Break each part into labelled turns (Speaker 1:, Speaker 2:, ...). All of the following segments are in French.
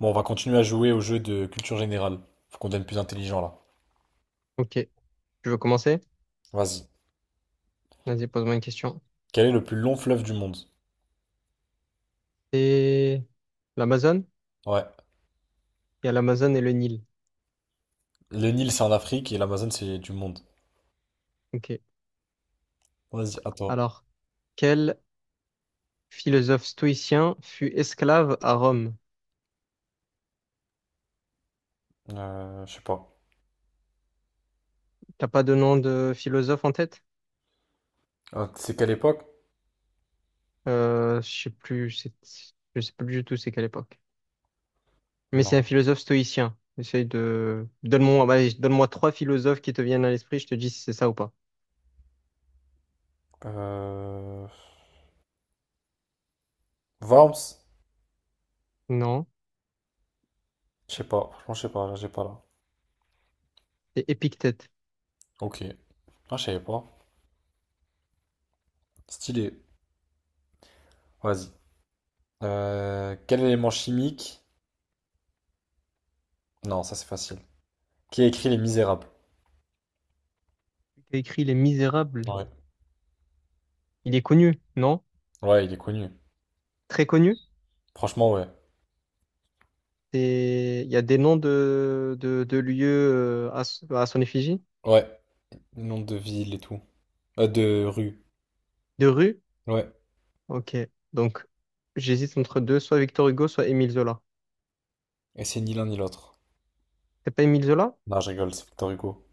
Speaker 1: Bon, on va continuer à jouer au jeu de culture générale. Faut qu'on devienne plus intelligent là.
Speaker 2: Ok, tu veux commencer?
Speaker 1: Vas-y.
Speaker 2: Vas-y, pose-moi une question.
Speaker 1: Quel est le plus long fleuve du monde?
Speaker 2: C'est l'Amazone?
Speaker 1: Ouais.
Speaker 2: Il y a l'Amazone et le Nil.
Speaker 1: Le Nil, c'est en Afrique et l'Amazone, c'est du monde.
Speaker 2: Ok.
Speaker 1: Vas-y, à toi.
Speaker 2: Alors, quel philosophe stoïcien fut esclave à Rome?
Speaker 1: Je sais pas.
Speaker 2: T'as pas de nom de philosophe en tête?
Speaker 1: C'est quelle époque?
Speaker 2: Je sais plus, je sais plus du tout c'est quelle époque. Mais c'est un
Speaker 1: Non.
Speaker 2: philosophe stoïcien. Essaye de... Donne-moi, bah, donne-moi trois philosophes qui te viennent à l'esprit, je te dis si c'est ça ou pas.
Speaker 1: Euh... Worms?
Speaker 2: Non,
Speaker 1: Je sais pas. Franchement, je sais pas. Là, j'ai pas là.
Speaker 2: c'est Épictète.
Speaker 1: Ok. Ah, je savais pas. Stylé. Vas-y. Quel élément chimique? Non, ça c'est facile. Qui a écrit Les Misérables?
Speaker 2: Il a écrit Les Misérables.
Speaker 1: Ouais.
Speaker 2: Il est connu, non?
Speaker 1: Ouais, il est connu.
Speaker 2: Très connu?
Speaker 1: Franchement, ouais.
Speaker 2: Des, il y a des noms de lieux à, à son effigie?
Speaker 1: Ouais. Nom de ville et tout. De rue.
Speaker 2: De rue.
Speaker 1: Ouais.
Speaker 2: Ok. Donc, j'hésite entre deux, soit Victor Hugo, soit Émile Zola.
Speaker 1: Et c'est ni l'un ni l'autre.
Speaker 2: C'est pas Émile Zola?
Speaker 1: Non, je rigole, c'est Victor Hugo.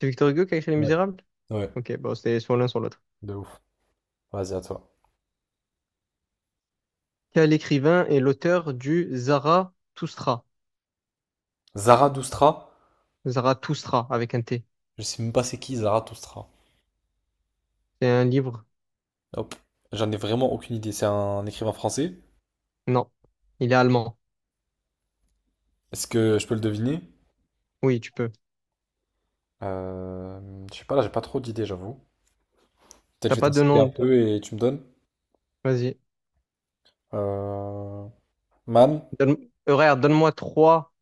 Speaker 2: C'est Victor Hugo qui a écrit Les
Speaker 1: Ouais.
Speaker 2: Misérables?
Speaker 1: Ouais,
Speaker 2: Ok, bon, c'est soit l'un, soit l'autre.
Speaker 1: de ouf. Vas-y, à toi.
Speaker 2: Quel écrivain est l'auteur du Zarathustra?
Speaker 1: Zarathustra,
Speaker 2: Zarathustra, avec un T.
Speaker 1: je sais même pas c'est qui Zarathustra.
Speaker 2: C'est un livre?
Speaker 1: Hop. J'en ai vraiment aucune idée. C'est un écrivain français.
Speaker 2: Non. Il est allemand.
Speaker 1: Est-ce que je peux le deviner?
Speaker 2: Oui, tu peux.
Speaker 1: Euh, je sais pas, là, j'ai pas trop d'idées, j'avoue. Peut-être je
Speaker 2: T'as
Speaker 1: vais
Speaker 2: pas
Speaker 1: t'en
Speaker 2: de
Speaker 1: citer
Speaker 2: nom?
Speaker 1: un peu et tu me donnes.
Speaker 2: Vas-y.
Speaker 1: Euh, Mann,
Speaker 2: Donne... regarde, donne-moi trois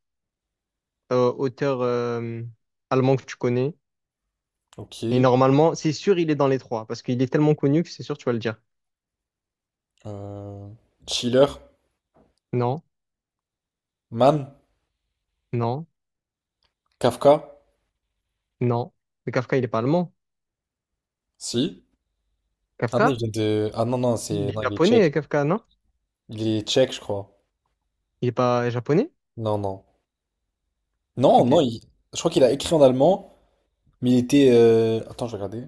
Speaker 2: auteurs allemands que tu connais. Et
Speaker 1: ok.
Speaker 2: normalement, c'est sûr, il est dans les trois, parce qu'il est tellement connu que c'est sûr, tu vas le dire.
Speaker 1: Euh, Schiller,
Speaker 2: Non,
Speaker 1: Mann,
Speaker 2: non,
Speaker 1: Kafka,
Speaker 2: non. Mais Kafka, il est pas allemand.
Speaker 1: si. Ah non, il
Speaker 2: Kafka?
Speaker 1: vient de... Ah non, non,
Speaker 2: Il
Speaker 1: c'est...
Speaker 2: est
Speaker 1: Non, il est
Speaker 2: japonais,
Speaker 1: tchèque.
Speaker 2: Kafka, non?
Speaker 1: Il est tchèque, je crois.
Speaker 2: Il est pas japonais?
Speaker 1: Non, non. Non,
Speaker 2: Ok.
Speaker 1: non, je crois qu'il a écrit en allemand, mais il était... Attends, je vais regarder.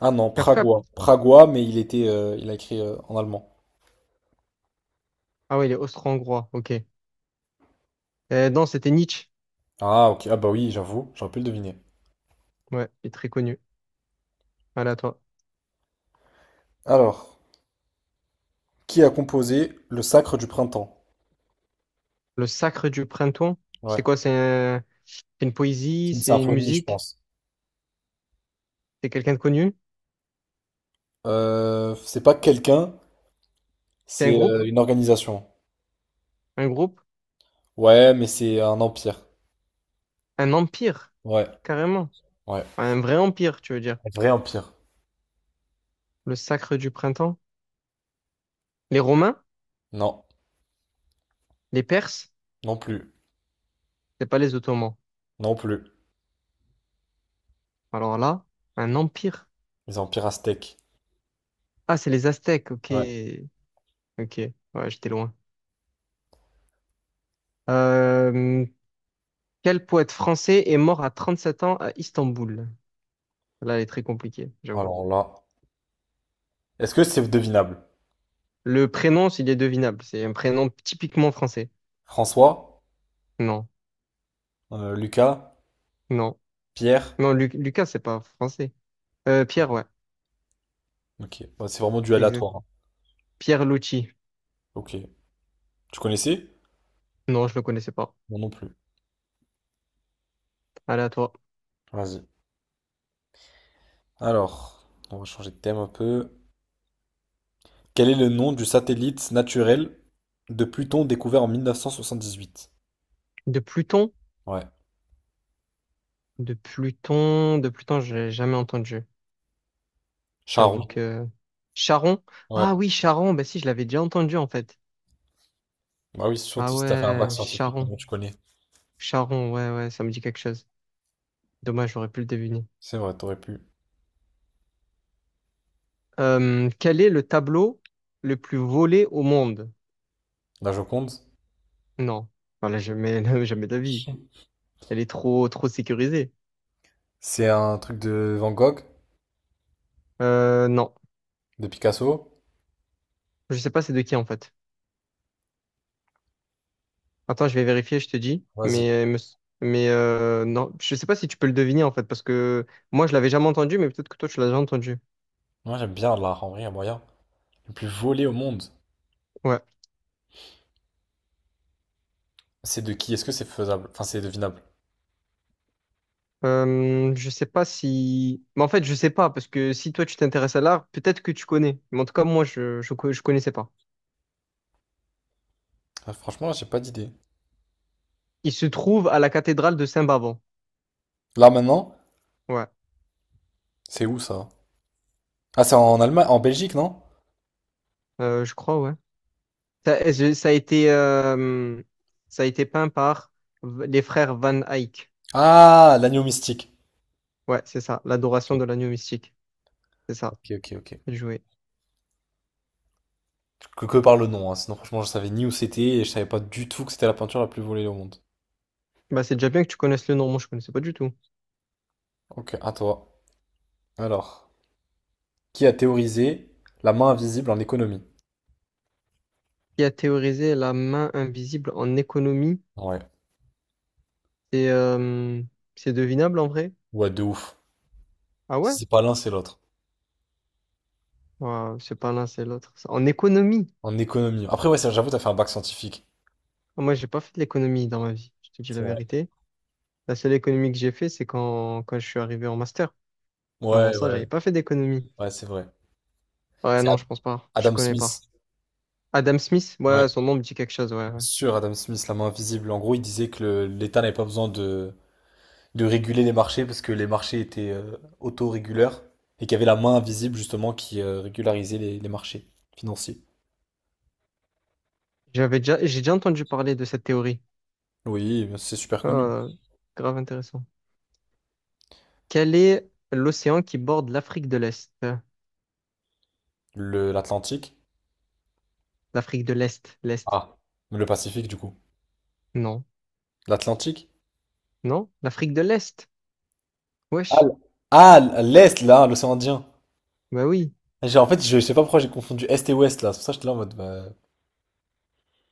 Speaker 1: Ah non,
Speaker 2: Kafka?
Speaker 1: pragois. Pragois, mais il était, il a écrit en allemand.
Speaker 2: Ah ouais, il est austro-hongrois, ok. Non, c'était Nietzsche.
Speaker 1: Ah ok, ah bah oui, j'avoue, j'aurais pu le deviner.
Speaker 2: Ouais, il est très connu. Voilà, à toi.
Speaker 1: Alors, qui a composé Le Sacre du Printemps?
Speaker 2: Le sacre du printemps,
Speaker 1: Ouais,
Speaker 2: c'est quoi? C'est une poésie,
Speaker 1: c'est une
Speaker 2: c'est une
Speaker 1: symphonie, je
Speaker 2: musique,
Speaker 1: pense.
Speaker 2: c'est quelqu'un de connu,
Speaker 1: C'est pas quelqu'un,
Speaker 2: c'est un
Speaker 1: c'est
Speaker 2: groupe,
Speaker 1: une organisation.
Speaker 2: un groupe,
Speaker 1: Ouais, mais c'est un empire.
Speaker 2: un empire,
Speaker 1: Ouais,
Speaker 2: carrément.
Speaker 1: ouais.
Speaker 2: Un vrai empire, tu veux dire.
Speaker 1: Un vrai empire.
Speaker 2: Le sacre du printemps. Les Romains?
Speaker 1: Non,
Speaker 2: Les Perses?
Speaker 1: non plus,
Speaker 2: C'est pas les Ottomans.
Speaker 1: non plus.
Speaker 2: Alors là, un empire.
Speaker 1: Les empires aztèques.
Speaker 2: Ah, c'est les Aztèques, ok.
Speaker 1: Ouais,
Speaker 2: Ok, ouais, j'étais loin. Euh, Quel poète français est mort à 37 ans à Istanbul? Là, elle est très compliquée, j'avoue.
Speaker 1: alors là. Est-ce que c'est devinable?
Speaker 2: Le prénom, s'il est devinable, c'est un prénom typiquement français.
Speaker 1: François?
Speaker 2: Non,
Speaker 1: Lucas,
Speaker 2: non,
Speaker 1: Pierre.
Speaker 2: non, Lucas, c'est pas français. Pierre, ouais,
Speaker 1: Ok, bah, c'est vraiment du
Speaker 2: c'est exact.
Speaker 1: aléatoire, hein.
Speaker 2: Pierre Lucci.
Speaker 1: Ok, tu connaissais?
Speaker 2: Non, je le connaissais pas.
Speaker 1: Moi non plus.
Speaker 2: Allez, à toi.
Speaker 1: Vas-y. Alors, on va changer de thème un peu. Quel est le nom du satellite naturel de Pluton découvert en 1978?
Speaker 2: De Pluton?
Speaker 1: Ouais,
Speaker 2: De Pluton, de Pluton, j'ai jamais entendu. J'avoue
Speaker 1: Charon.
Speaker 2: que... Charon?
Speaker 1: Ouais.
Speaker 2: Ah oui, Charon, bah si, je l'avais déjà entendu en fait.
Speaker 1: Bah oui, c'est
Speaker 2: Ah
Speaker 1: surtout si t'as fait un bac
Speaker 2: ouais,
Speaker 1: scientifique,
Speaker 2: Charon.
Speaker 1: maintenant tu connais.
Speaker 2: Charon, ouais, ouais, ça me dit quelque chose. Dommage, j'aurais pu le deviner.
Speaker 1: C'est vrai, t'aurais pu.
Speaker 2: Quel est le tableau le plus volé au monde?
Speaker 1: La Joconde?
Speaker 2: Non. Voilà, jamais, jamais d'avis. Elle est trop, trop sécurisée.
Speaker 1: C'est un truc de Van Gogh,
Speaker 2: Non.
Speaker 1: de Picasso.
Speaker 2: Je sais pas c'est de qui en fait. Attends, je vais vérifier, je te dis.
Speaker 1: Vas-y.
Speaker 2: Mais, non, je sais pas si tu peux le deviner en fait, parce que moi, je l'avais jamais entendu, mais peut-être que toi, tu l'as déjà entendu.
Speaker 1: Moi j'aime bien l'art, en vrai, il y a moyen. Le plus volé au monde.
Speaker 2: Ouais.
Speaker 1: C'est de qui? Est-ce que c'est faisable? Enfin, c'est devinable.
Speaker 2: Je sais pas si... Mais en fait, je sais pas, parce que si toi tu t'intéresses à l'art, peut-être que tu connais. Mais en tout cas, moi, je connaissais pas.
Speaker 1: Ah, franchement, là, j'ai pas d'idée.
Speaker 2: Il se trouve à la cathédrale de Saint-Bavon.
Speaker 1: Là, maintenant,
Speaker 2: Ouais,
Speaker 1: c'est où ça? Ah, c'est en Allemagne, en Belgique, non?
Speaker 2: Je crois, ouais. Ça a été, ça a été peint par les frères Van Eyck.
Speaker 1: Ah, l'agneau mystique.
Speaker 2: Ouais, c'est ça, l'adoration
Speaker 1: Ok,
Speaker 2: de l'agneau mystique. C'est ça,
Speaker 1: ok, ok, ok.
Speaker 2: joué.
Speaker 1: Que par le nom, hein. Sinon, franchement, je savais ni où c'était et je savais pas du tout que c'était la peinture la plus volée au monde.
Speaker 2: Bah, c'est déjà bien que tu connaisses le nom, moi je connaissais pas du tout.
Speaker 1: Ok, à toi. Alors, qui a théorisé la main invisible en économie?
Speaker 2: Qui a théorisé la main invisible en économie?
Speaker 1: Ouais,
Speaker 2: C'est euh, c'est devinable en vrai?
Speaker 1: ouais, de ouf.
Speaker 2: Ah
Speaker 1: Si
Speaker 2: ouais?
Speaker 1: c'est pas l'un, c'est l'autre.
Speaker 2: Ouais, c'est pas l'un, c'est l'autre. En économie,
Speaker 1: En économie. Après, ouais, ça, j'avoue, t'as fait un bac scientifique.
Speaker 2: ah, moi, j'ai pas fait de l'économie dans ma vie, je te dis la
Speaker 1: C'est vrai.
Speaker 2: vérité. La seule économie que j'ai fait, c'est quand je suis arrivé en master. Avant
Speaker 1: Ouais,
Speaker 2: ça, j'avais
Speaker 1: ouais,
Speaker 2: pas fait d'économie.
Speaker 1: ouais, c'est vrai.
Speaker 2: Ouais,
Speaker 1: C'est
Speaker 2: non, je pense pas. Je
Speaker 1: Adam
Speaker 2: connais
Speaker 1: Smith.
Speaker 2: pas. Adam Smith,
Speaker 1: Ouais.
Speaker 2: ouais, son nom me dit quelque chose, ouais, ouais.
Speaker 1: Sur Adam Smith, la main invisible, en gros, il disait que l'État n'avait pas besoin de réguler les marchés parce que les marchés étaient autoréguleurs et qu'il y avait la main invisible justement qui régularisait les marchés financiers.
Speaker 2: J'ai déjà entendu parler de cette théorie.
Speaker 1: Oui, c'est super connu.
Speaker 2: Ah, grave intéressant. Quel est l'océan qui borde l'Afrique de l'Est?
Speaker 1: L'Atlantique.
Speaker 2: L'Afrique de l'Est, l'Est.
Speaker 1: Ah, le Pacifique du coup.
Speaker 2: Non.
Speaker 1: L'Atlantique.
Speaker 2: Non? L'Afrique de l'Est.
Speaker 1: Ah,
Speaker 2: Wesh.
Speaker 1: ah, l'Est là, l'océan Indien.
Speaker 2: Bah oui.
Speaker 1: En fait, je sais pas pourquoi j'ai confondu Est et Ouest là. C'est pour ça que j'étais là en mode, bah.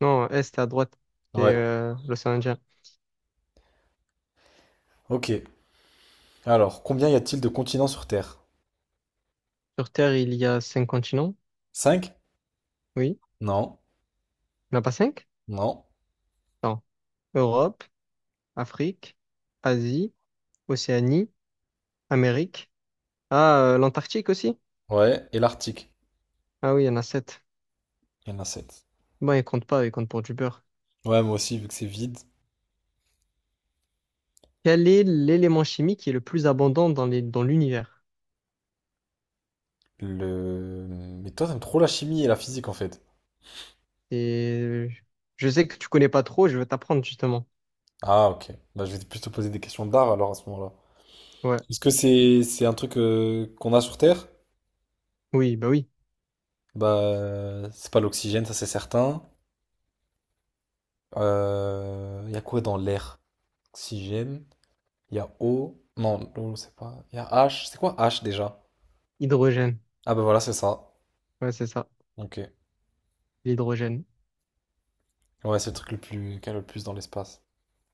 Speaker 2: Non, Est à droite. C'est
Speaker 1: Ouais.
Speaker 2: l'océan Indien.
Speaker 1: Ok. Alors, combien y a-t-il de continents sur Terre?
Speaker 2: Sur Terre, il y a cinq continents,
Speaker 1: Cinq.
Speaker 2: oui.
Speaker 1: Non.
Speaker 2: Il n'y en a pas cinq?
Speaker 1: Non.
Speaker 2: Non. Europe, Afrique, Asie, Océanie, Amérique. Ah, l'Antarctique aussi?
Speaker 1: Ouais. Et l'Arctique?
Speaker 2: Ah oui, il y en a sept.
Speaker 1: Il y en a 7.
Speaker 2: Bon, ils comptent pas, ils comptent pour du beurre.
Speaker 1: Ouais, moi aussi, vu que c'est vide.
Speaker 2: Quel est l'élément chimique qui est le plus abondant dans dans l'univers?
Speaker 1: Le... Mais toi, t'aimes trop la chimie et la physique en fait.
Speaker 2: Et je sais que tu connais pas trop, je vais t'apprendre justement.
Speaker 1: Ah, ok. Bah, je vais plus te poser des questions d'art alors à ce moment-là.
Speaker 2: Ouais.
Speaker 1: Est-ce que c'est un truc qu'on a sur Terre?
Speaker 2: Oui, bah oui.
Speaker 1: Bah, c'est pas l'oxygène, ça c'est certain. Il y a quoi dans l'air? Oxygène, il y a eau. Non, l'eau, c'est pas. Il y a H. C'est quoi H déjà?
Speaker 2: Hydrogène.
Speaker 1: Ah, bah voilà, c'est ça.
Speaker 2: Ouais, c'est ça.
Speaker 1: Ok.
Speaker 2: L'hydrogène.
Speaker 1: Ouais, c'est le truc le plus... qu'il y a le plus dans l'espace.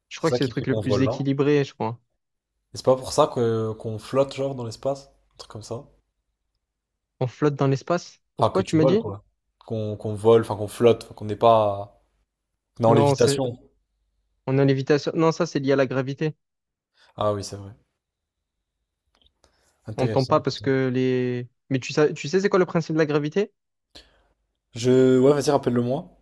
Speaker 2: Je
Speaker 1: C'est
Speaker 2: crois que
Speaker 1: ça
Speaker 2: c'est le
Speaker 1: qui fait
Speaker 2: truc le
Speaker 1: qu'on
Speaker 2: plus
Speaker 1: vole, non?
Speaker 2: équilibré, je crois.
Speaker 1: Et c'est pas pour ça que qu'on flotte, genre, dans l'espace? Un truc comme ça?
Speaker 2: On flotte dans l'espace.
Speaker 1: Enfin, que
Speaker 2: Pourquoi tu
Speaker 1: tu
Speaker 2: m'as
Speaker 1: voles,
Speaker 2: dit?
Speaker 1: quoi. Qu'on vole, enfin qu'on flotte, enfin, qu'on n'est pas... qu'on en
Speaker 2: Non, c'est
Speaker 1: lévitation.
Speaker 2: on est en lévitation. Non, ça, c'est lié à la gravité.
Speaker 1: Ah oui, c'est vrai.
Speaker 2: On ne tombe
Speaker 1: Intéressant.
Speaker 2: pas parce que les. Mais tu sais c'est quoi le principe de la gravité?
Speaker 1: Je... Ouais, vas-y, rappelle-le-moi.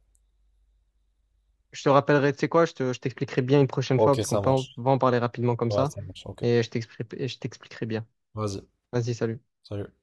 Speaker 2: Je te rappellerai, tu sais quoi, je t'expliquerai bien une prochaine fois
Speaker 1: Ok,
Speaker 2: parce qu'on
Speaker 1: ça
Speaker 2: peut
Speaker 1: marche.
Speaker 2: va en parler rapidement comme
Speaker 1: Ouais,
Speaker 2: ça.
Speaker 1: ça marche, ok.
Speaker 2: Et je t'expliquerai bien.
Speaker 1: Vas-y,
Speaker 2: Vas-y, salut.
Speaker 1: salut.